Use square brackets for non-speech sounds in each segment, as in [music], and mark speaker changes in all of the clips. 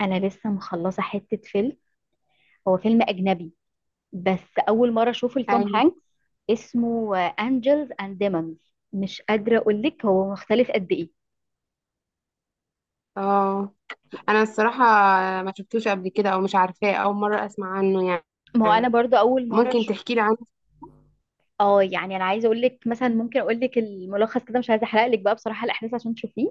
Speaker 1: انا لسه مخلصه حته فيلم. هو فيلم اجنبي، بس اول مره اشوفه لتوم
Speaker 2: ايوه.
Speaker 1: هانكس. اسمه انجلز اند ديمونز، مش قادره اقول لك هو مختلف قد ايه.
Speaker 2: اه. انا الصراحه ما شفتوش قبل كده او مش عارفاه، اول مره اسمع عنه.
Speaker 1: ما هو
Speaker 2: يعني،
Speaker 1: انا برضو اول مره
Speaker 2: ممكن تحكي لي عنه؟
Speaker 1: اه يعني انا عايزه اقول لك مثلا، ممكن اقول لك الملخص كده، مش عايزه احرق لك بقى بصراحه الاحداث عشان تشوفيه.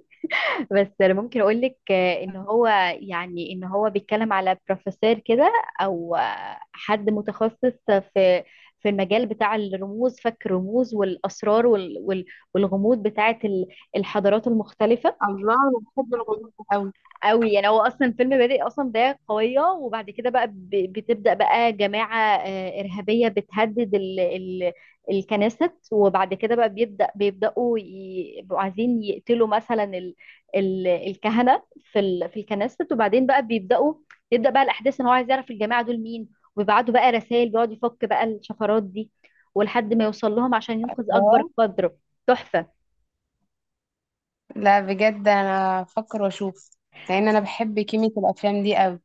Speaker 1: بس انا ممكن اقول لك ان هو، يعني ان هو بيتكلم على بروفيسور كده، او حد متخصص في في المجال بتاع الرموز، فك الرموز والاسرار والغموض بتاعه الحضارات المختلفه.
Speaker 2: الله، انا بحب الغموض قوي.
Speaker 1: قوي، يعني هو اصلا الفيلم بادئ اصلا بدايه قويه، وبعد كده بقى بتبدا بقى جماعه ارهابيه بتهدد ال ال الكنائس، وبعد كده بقى بيبداوا يبقوا عايزين يقتلوا مثلا ال ال الكهنه في ال في الكنائس، وبعدين بقى بيبداوا، يبدا بقى الاحداث ان هو عايز يعرف الجماعه دول مين، وبيبعتوا بقى رسائل بيقعد يفك بقى الشفرات دي، ولحد ما يوصل لهم عشان ينقذ
Speaker 2: لا،
Speaker 1: اكبر قدر. تحفه.
Speaker 2: لا، بجد انا افكر واشوف، لان انا بحب كيمياء الافلام دي قوي.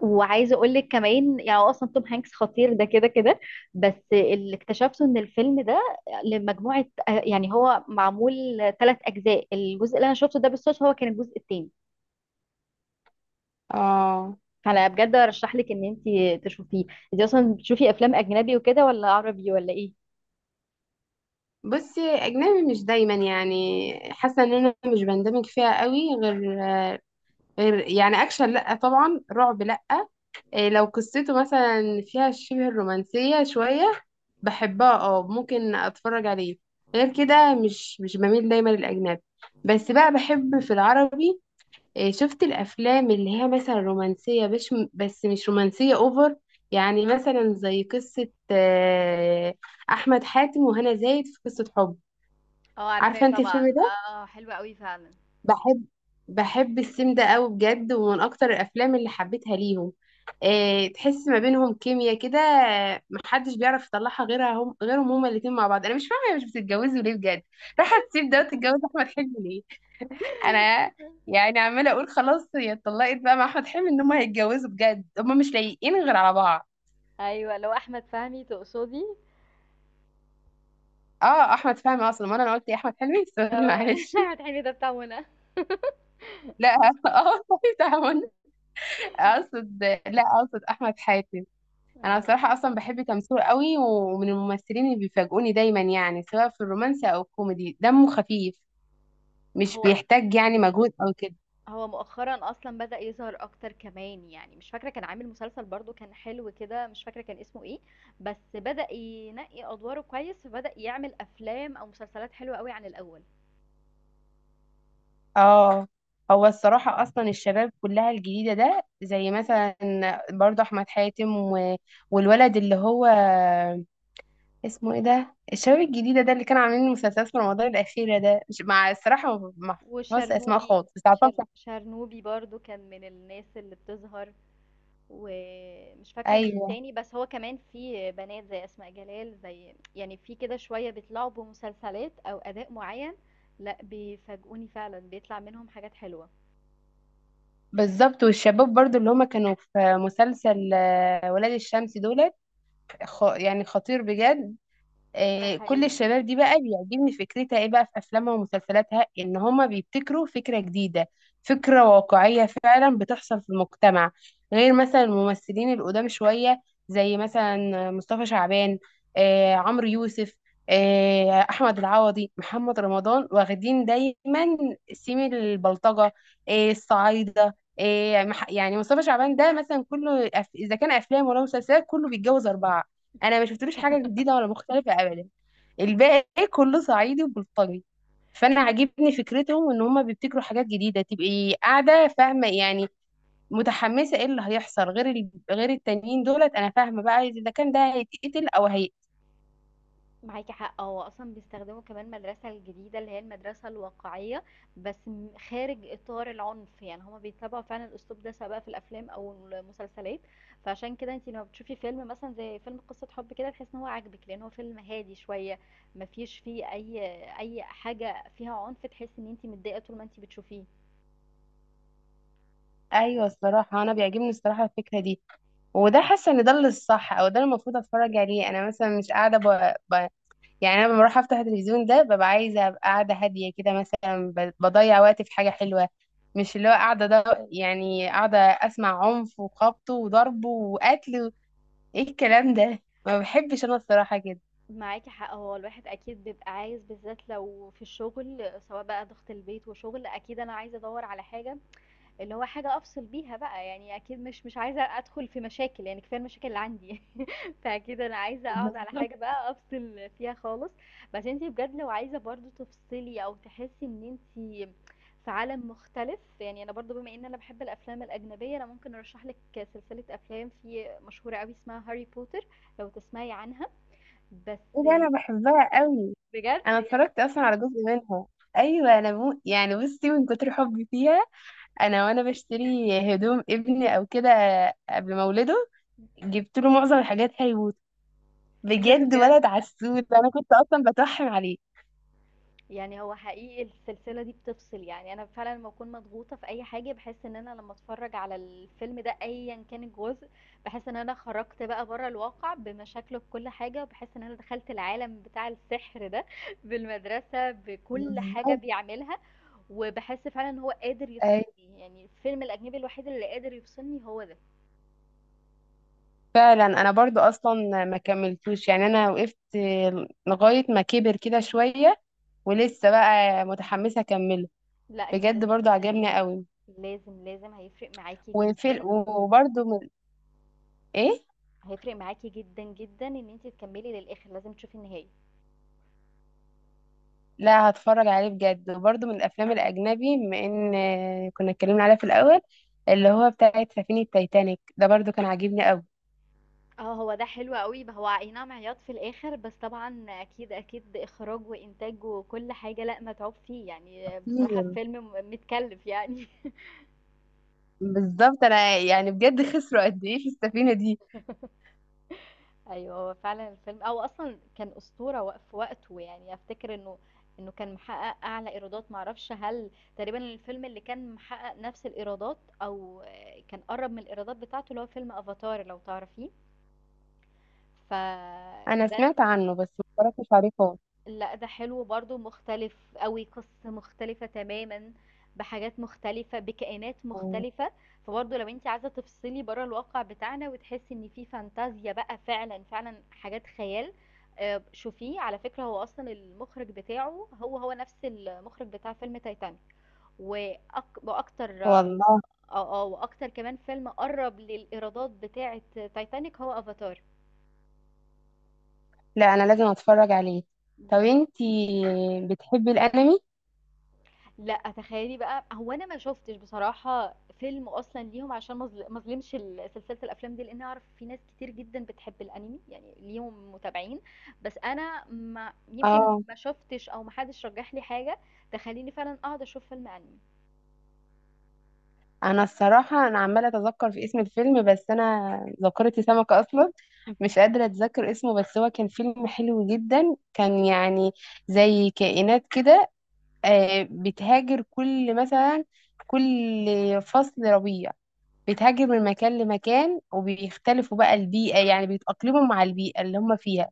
Speaker 1: وعايزه اقول لك كمان، يعني هو اصلا توم هانكس خطير ده كده كده. بس اللي اكتشفته ان الفيلم ده لمجموعه، يعني هو معمول ثلاث اجزاء، الجزء اللي انا شفته ده بالصدفه هو كان الجزء الثاني.
Speaker 2: اه.
Speaker 1: فانا بجد ارشح لك ان انت تشوفيه. انت اصلا بتشوفي افلام اجنبي وكده، ولا عربي، ولا ايه؟
Speaker 2: بصي، اجنبي مش دايما، يعني حاسه ان انا مش بندمج فيها قوي، غير يعني اكشن، لا طبعا، رعب لا. إيه، لو قصته مثلا فيها شبه الرومانسية شوية بحبها، اه، ممكن اتفرج عليه. غير كده مش بميل دايما للأجنبي، بس بقى بحب في العربي. إيه، شفت الأفلام اللي هي مثلا رومانسية بس مش رومانسية اوفر، يعني مثلا زي قصة أحمد حاتم وهنا زايد في قصة حب.
Speaker 1: اه
Speaker 2: عارفة
Speaker 1: عارفاه
Speaker 2: انت الفيلم
Speaker 1: طبعا،
Speaker 2: ده؟
Speaker 1: اه اه حلوة قوي فعلا.
Speaker 2: بحب بحب السيم ده قوي بجد، ومن اكتر الافلام اللي حبيتها ليهم. تحس ما بينهم كيمياء كده، محدش بيعرف يطلعها غيرها، هم غيرهم هما الاتنين مع بعض. انا مش فاهمه هي مش بتتجوزوا ليه بجد، راحه تسيب ده
Speaker 1: [laughs]
Speaker 2: وتتجوز احمد حلمي ليه؟ انا يعني عماله اقول خلاص هي اتطلقت بقى مع احمد حلمي ان هما هيتجوزوا بجد، هما مش لايقين غير على بعض.
Speaker 1: ايوه لو احمد فهمي تقصدي.
Speaker 2: اه احمد فهمي اصلا، ما انا قلت إيه، احمد حلمي [laughs] سوري
Speaker 1: اه
Speaker 2: معلش.
Speaker 1: [laughs] احمد حلمي ده بتاع منى. [laughs]
Speaker 2: لا [laughs] اه صحيح، تعاون، اقصد لا، اقصد احمد حاتم. انا
Speaker 1: اه،
Speaker 2: بصراحه اصلا بحب تمثيل قوي، ومن الممثلين اللي بيفاجئوني دايما، يعني سواء في الرومانسي او الكوميدي دمه خفيف، مش
Speaker 1: هو
Speaker 2: بيحتاج يعني مجهود او كده.
Speaker 1: هو مؤخرًا أصلًا بدأ يظهر أكتر كمان، يعني مش فاكرة كان عامل مسلسل برضه كان حلو كده، مش فاكرة كان اسمه إيه، بس بدأ ينقي أدواره كويس، فبدأ يعمل أفلام أو مسلسلات حلوة أوي عن الأول.
Speaker 2: اه. هو الصراحه اصلا الشباب كلها الجديده ده، زي مثلا برضه احمد حاتم و... والولد اللي هو اسمه ايه ده، الشباب الجديده ده اللي كانوا عاملين مسلسلات في رمضان الاخيره ده، مش مع الصراحه ما بحفظش اسماء
Speaker 1: وشرنوبي،
Speaker 2: خالص، بس عارفاهم شكلاً.
Speaker 1: شرنوبي برضه كان من الناس اللي بتظهر، ومش فاكرة مين
Speaker 2: ايوه
Speaker 1: تاني، بس هو كمان في بنات زي أسماء جلال، زي يعني في كده شوية بيطلعوا بمسلسلات أو أداء معين. لأ بيفاجئوني فعلًا، بيطلع منهم حاجات حلوة.
Speaker 2: بالظبط، والشباب برضو اللي هما كانوا في مسلسل ولاد الشمس دول، يعني خطير بجد.
Speaker 1: ده
Speaker 2: آه، كل
Speaker 1: حقيقي.
Speaker 2: الشباب دي بقى بيعجبني فكرتها، ايه بقى في افلامها ومسلسلاتها، ان هما بيبتكروا فكرة جديدة، فكرة واقعية فعلا بتحصل في المجتمع، غير مثلا الممثلين القدام شوية، زي مثلا مصطفى شعبان، عمرو يوسف، احمد العوضي، محمد رمضان، واخدين دايما سيم البلطجة، الصعايدة، يعني مصطفى شعبان ده مثلا كله اذا كان افلام ولا مسلسلات كله بيتجوز اربعة، انا ما شفتلوش حاجه جديده ولا مختلفه ابدا، الباقي كله صعيدي وبلطجي. فانا عاجبني فكرتهم ان هما بيبتكروا حاجات جديده تبقي قاعده فاهمه يعني، متحمسه ايه اللي هيحصل، غير التانيين دولت، انا فاهمه بقى اذا كان ده هيتقتل او هي.
Speaker 1: معاكي حق، هو اصلا بيستخدموا كمان المدرسه الجديده اللي هي المدرسه الواقعيه، بس خارج اطار العنف، يعني هما بيتبعوا فعلا الاسلوب ده سواء في الافلام او المسلسلات. فعشان كده انت لما بتشوفي فيلم مثلا زي فيلم قصه حب كده، تحس ان هو عاجبك، لان هو فيلم هادي شويه، مفيش فيه اي حاجه فيها عنف تحس ان انت متضايقه طول ما انت بتشوفيه.
Speaker 2: ايوه الصراحه انا بيعجبني الصراحه الفكره دي، وده حاسه ان ده اللي الصح او ده اللي المفروض اتفرج عليه. انا مثلا مش قاعده يعني انا لما بروح افتح التلفزيون ده ببقى عايزه ابقى قاعده هاديه كده مثلا، بضيع وقتي في حاجه حلوه، مش اللي هو قاعده ده، يعني قاعده اسمع عنف وخبط وضرب وقتل. ايه الكلام ده، ما
Speaker 1: مع-
Speaker 2: بحبش انا الصراحه كده.
Speaker 1: معاكي حق، هو الواحد اكيد بيبقى عايز، بالذات لو في الشغل، سواء بقى ضغط البيت وشغل، اكيد انا عايزه ادور على حاجه اللي هو حاجة أفصل بيها بقى، يعني أكيد مش عايزة أدخل في مشاكل، يعني كفاية المشاكل اللي عندي. [laughs] فأكيد أنا عايزة أقعد على
Speaker 2: ايه
Speaker 1: حاجة بقى أفصل فيها خالص. بس انتي بجد لو عايزة برضو تفصلي أو تحسي إن انتي في عالم مختلف، يعني أنا برضو بما إن أنا بحب الأفلام الأجنبية، أنا ممكن أرشح لك سلسلة أفلام في مشهورة أوي، اسمها هاري بوتر، لو تسمعي عنها. بس
Speaker 2: ده،
Speaker 1: يعني
Speaker 2: انا بحبها قوي.
Speaker 1: بجد
Speaker 2: انا
Speaker 1: يعني،
Speaker 2: اتفرجت اصلا على جزء منها. ايوه انا مو يعني، بصي، من كتر حبي فيها، انا وانا بشتري هدوم ابني او كده قبل ما اولده جبت له معظم الحاجات هيبوظ
Speaker 1: [laughs]
Speaker 2: بجد،
Speaker 1: بجد
Speaker 2: ولد عسول انا كنت اصلا بترحم عليه.
Speaker 1: يعني هو حقيقي السلسلة دي بتفصل. يعني أنا فعلا لما بكون مضغوطة في أي حاجة، بحس إن أنا لما أتفرج على الفيلم ده أيا كان الجزء، بحس إن أنا خرجت بقى بره الواقع بمشاكله بكل حاجة، وبحس إن أنا دخلت العالم بتاع السحر ده، [laughs] بالمدرسة بكل حاجة
Speaker 2: بالظبط.
Speaker 1: بيعملها. وبحس فعلا إن هو قادر
Speaker 2: اي
Speaker 1: يفصلني، يعني الفيلم الأجنبي الوحيد اللي قادر يفصلني هو ده.
Speaker 2: فعلا، انا برضو اصلا ما كملتوش، يعني انا وقفت لغايه ما كبر كده شويه، ولسه بقى متحمسه اكمله.
Speaker 1: لا أنت
Speaker 2: بجد
Speaker 1: لازم
Speaker 2: برضو عجبني
Speaker 1: تكمليه،
Speaker 2: قوي.
Speaker 1: لازم لازم، هيفرق معاكي
Speaker 2: وفي
Speaker 1: جدا.
Speaker 2: وبرضو من، ايه.
Speaker 1: هيفرق معاكي جدا جدا ان انت تكملي للاخر، لازم تشوفي النهاية.
Speaker 2: لا، هتفرج عليه بجد، وبرضو من الافلام الاجنبي بما ان كنا اتكلمنا عليها في الاول، اللي هو بتاعت سفينه تايتانيك ده برضو كان عاجبني قوي
Speaker 1: اه هو ده حلو قوي، هو اي نعم عياط في الاخر، بس طبعا اكيد اكيد اخراج وانتاج وكل حاجه، لا متعوب فيه، يعني بصراحه
Speaker 2: كتير.
Speaker 1: فيلم متكلف يعني. [laughs]
Speaker 2: بالظبط، انا يعني بجد [laughs] خسروا قد ايه في السفينه دي.
Speaker 1: ايوه هو فعلا الفيلم او اصلا كان اسطوره في وقته، يعني افتكر انه كان محقق اعلى ايرادات، معرفش هل تقريبا الفيلم اللي كان محقق نفس الايرادات او كان قرب من الايرادات بتاعته، اللي هو فيلم افاتار لو تعرفيه،
Speaker 2: انا
Speaker 1: فده…
Speaker 2: سمعت عنه بس ما اتفرجتش عليه.
Speaker 1: لأ ده حلو برضه، مختلف أوي، قصة مختلفة تمامًا، بحاجات مختلفة، بكائنات
Speaker 2: خالص.
Speaker 1: مختلفة. فبرضه لو أنتِ عايزة تفصلي برّه الواقع بتاعنا وتحسي إن في فانتازيا بقى، فعلًا فعلًا حاجات خيال، شوفيه. على فكرة هو أصلًا المُخرِج بتاعه، هو هو نفس المُخرِج بتاع فيلم تايتانيك. وأكتر
Speaker 2: والله.
Speaker 1: وأكتر كمان فيلم قرّب للإيرادات بتاعة تايتانيك هو Avatar.
Speaker 2: لا، انا لازم اتفرج عليه. طب
Speaker 1: بالضبط.
Speaker 2: انتي بتحبي الانمي؟
Speaker 1: لأ، تخيلي بقى، هو أنا ما شُفتش بصراحة فيلم أصلًا ليهم، عشان ما اظلمش ال سلسلة الأفلام دي، لإن أعرف في ناس كتير جدًا بتحب الأنمي، يعني ليهم متابعين. بس أنا ما يمكن
Speaker 2: اه.
Speaker 1: ما شُفتش أو ما حدش رَجّح لي حاجة تخلّيني فعلًا أقعد أشوف فيلم أنمي.
Speaker 2: انا الصراحه انا عماله اتذكر في اسم الفيلم، بس انا ذاكرتي سمكه اصلا، مش قادره اتذكر اسمه، بس هو كان فيلم حلو جدا، كان يعني زي كائنات كده، بتهاجر كل مثلا كل فصل ربيع، بتهاجر من مكان لمكان، وبيختلفوا بقى البيئه، يعني بيتأقلموا مع البيئه اللي هم فيها،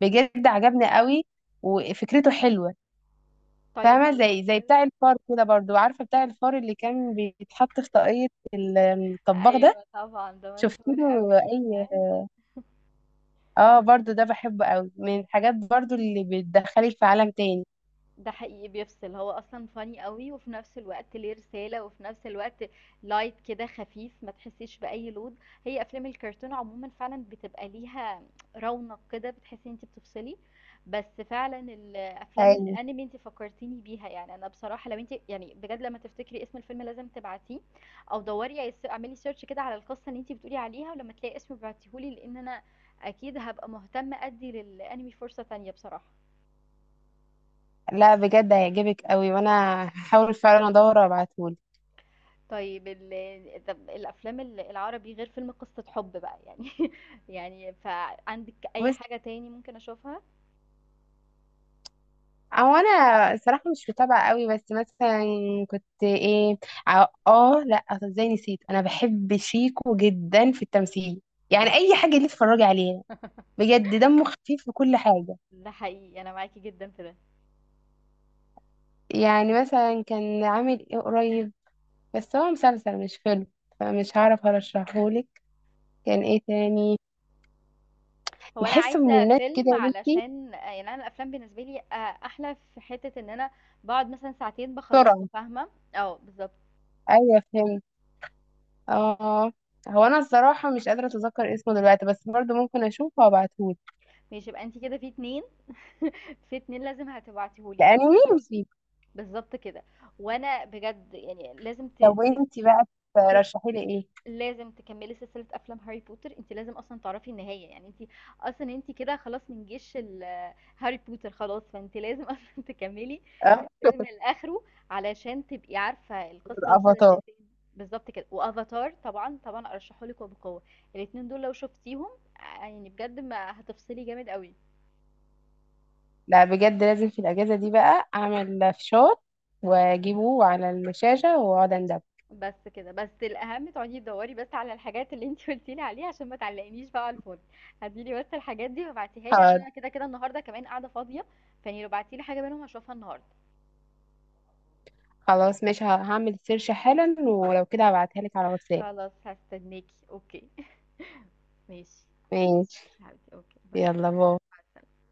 Speaker 2: بجد عجبني قوي وفكرته حلوه.
Speaker 1: طيب ما
Speaker 2: فاهمة،
Speaker 1: لو
Speaker 2: زي
Speaker 1: كده.
Speaker 2: بتاع الفار كده، برضو عارفة بتاع الفار اللي كان بيتحط في طاقية ال- الطباخ ده،
Speaker 1: أيوه طبعًا، ده
Speaker 2: شفت
Speaker 1: مشهور
Speaker 2: له؟
Speaker 1: أوي.
Speaker 2: اي.
Speaker 1: أيوه.
Speaker 2: اه برضو ده بحبه قوي، من الحاجات برضو اللي بتدخلك في عالم تاني.
Speaker 1: ده حقيقي بيفصل، هو اصلا فاني قوي، وفي نفس الوقت ليه رسالة، وفي نفس الوقت لايت كده خفيف، ما تحسيش بأي لود. هي افلام الكرتون عموما فعلا بتبقى ليها رونق كده، بتحسي ان انت بتفصلي. بس فعلا الافلام
Speaker 2: ايوه.
Speaker 1: الانمي انت فكرتيني بيها، يعني انا بصراحة لو انت يعني بجد لما تفتكري اسم الفيلم لازم تبعتيه، او دوري يا اعملي سيرش كده على القصة اللي انت بتقولي عليها، ولما تلاقي اسمه ابعتيهولي، لان انا اكيد هبقى مهتمة ادي للانمي فرصة تانية بصراحة.
Speaker 2: لا بجد هيعجبك قوي، وانا هحاول فعلا ادور ابعتهولك.
Speaker 1: طيب ال طب الأفلام العربي غير فيلم قصة حب بقى يعني، [laughs] يعني فعندِك أي
Speaker 2: بص،
Speaker 1: حاجة تاني ممكن أشوفها؟
Speaker 2: او انا صراحة مش متابعة قوي، بس مثلا كنت ايه، اه لا، أصل ازاي نسيت، انا بحب شيكو جدا في التمثيل، يعني اي حاجة اللي اتفرجي عليها بجد دمه خفيف في كل حاجة.
Speaker 1: ده حقيقي أنا معاكِ جدًا في ده.
Speaker 2: يعني مثلا كان عامل ايه قريب، بس هو مسلسل مش فيلم، فمش هعرف ارشحهولك. كان ايه
Speaker 1: إمم.
Speaker 2: تاني؟
Speaker 1: هو أنا
Speaker 2: بحسه من
Speaker 1: عايزة
Speaker 2: الناس كده
Speaker 1: فيلم،
Speaker 2: يا بنتي.
Speaker 1: علشان يعني أنا الأفلام بالنسبة لي أحلى في حتة إن أنا باقعد مثلًا ساعتين باخلّصه،
Speaker 2: بسرعة،
Speaker 1: فاهمة؟ آه بالضبط.
Speaker 2: ايوه فهمت. اه. هو انا الصراحة مش قادرة اتذكر اسمه دلوقتي، بس برضو ممكن اشوفه وابعتهولك.
Speaker 1: ماشي، يبقى أنتِ كده في 2، [laughs] في 2 لازم هتبعتيه لي ال…
Speaker 2: لاني ميوزي.
Speaker 1: بالضبط كده. وأنا بجد يعني لازم ت
Speaker 2: طب
Speaker 1: ت
Speaker 2: وانتي بقى،
Speaker 1: ت
Speaker 2: ترشحي لي ايه؟
Speaker 1: لازم تكملي سلسلة أفلام هاري بوتر، أنتِ لازم أصلًا تعرفي النهاية، يعني أنتِ أصلًا أنتِ كده خلاص من جيش ال هاري بوتر خلاص، فأنتِ لازم [laughs] أصلًا تكملي
Speaker 2: اه.
Speaker 1: الفيلم لآخره، علشان تبقي عارفة القصة وصلت
Speaker 2: الافاتار.
Speaker 1: لفين. بالضبط كده، وأفاتار طبعًا، طبعًا أرشحه لِك وبقوة، الاتنين دول لو شُفتيهم، يعني بجد ما هتفصلي جامد أوي.
Speaker 2: لا بجد لازم في الاجازة دي بقى اعمل فشار واجيبه على الشاشة واقعد اندب.
Speaker 1: بس كده، بس الأهم تقعدي تدوري بس على الحاجات اللي انتي قلتي لي عليها، عشان ما تعلقنيش بقى على الفاضي. هاتي لي بس الحاجات دي وابعتيها لي، عشان
Speaker 2: حاضر.
Speaker 1: انا كده كده النهارده كمان قاعدة فاضية. فاني لو بعتي لي حاجة منهم هشوفها النهارده.
Speaker 2: خلاص ماشي، هعمل سيرش حالا، ولو كده هبعتها لك على واتساب.
Speaker 1: خلاص هستناكي، اوكي. [laughs] ماشي. ماشي
Speaker 2: ماشي،
Speaker 1: يا حبيبتي، اوكي، باي باي.
Speaker 2: يلا باي.
Speaker 1: مع السلامة.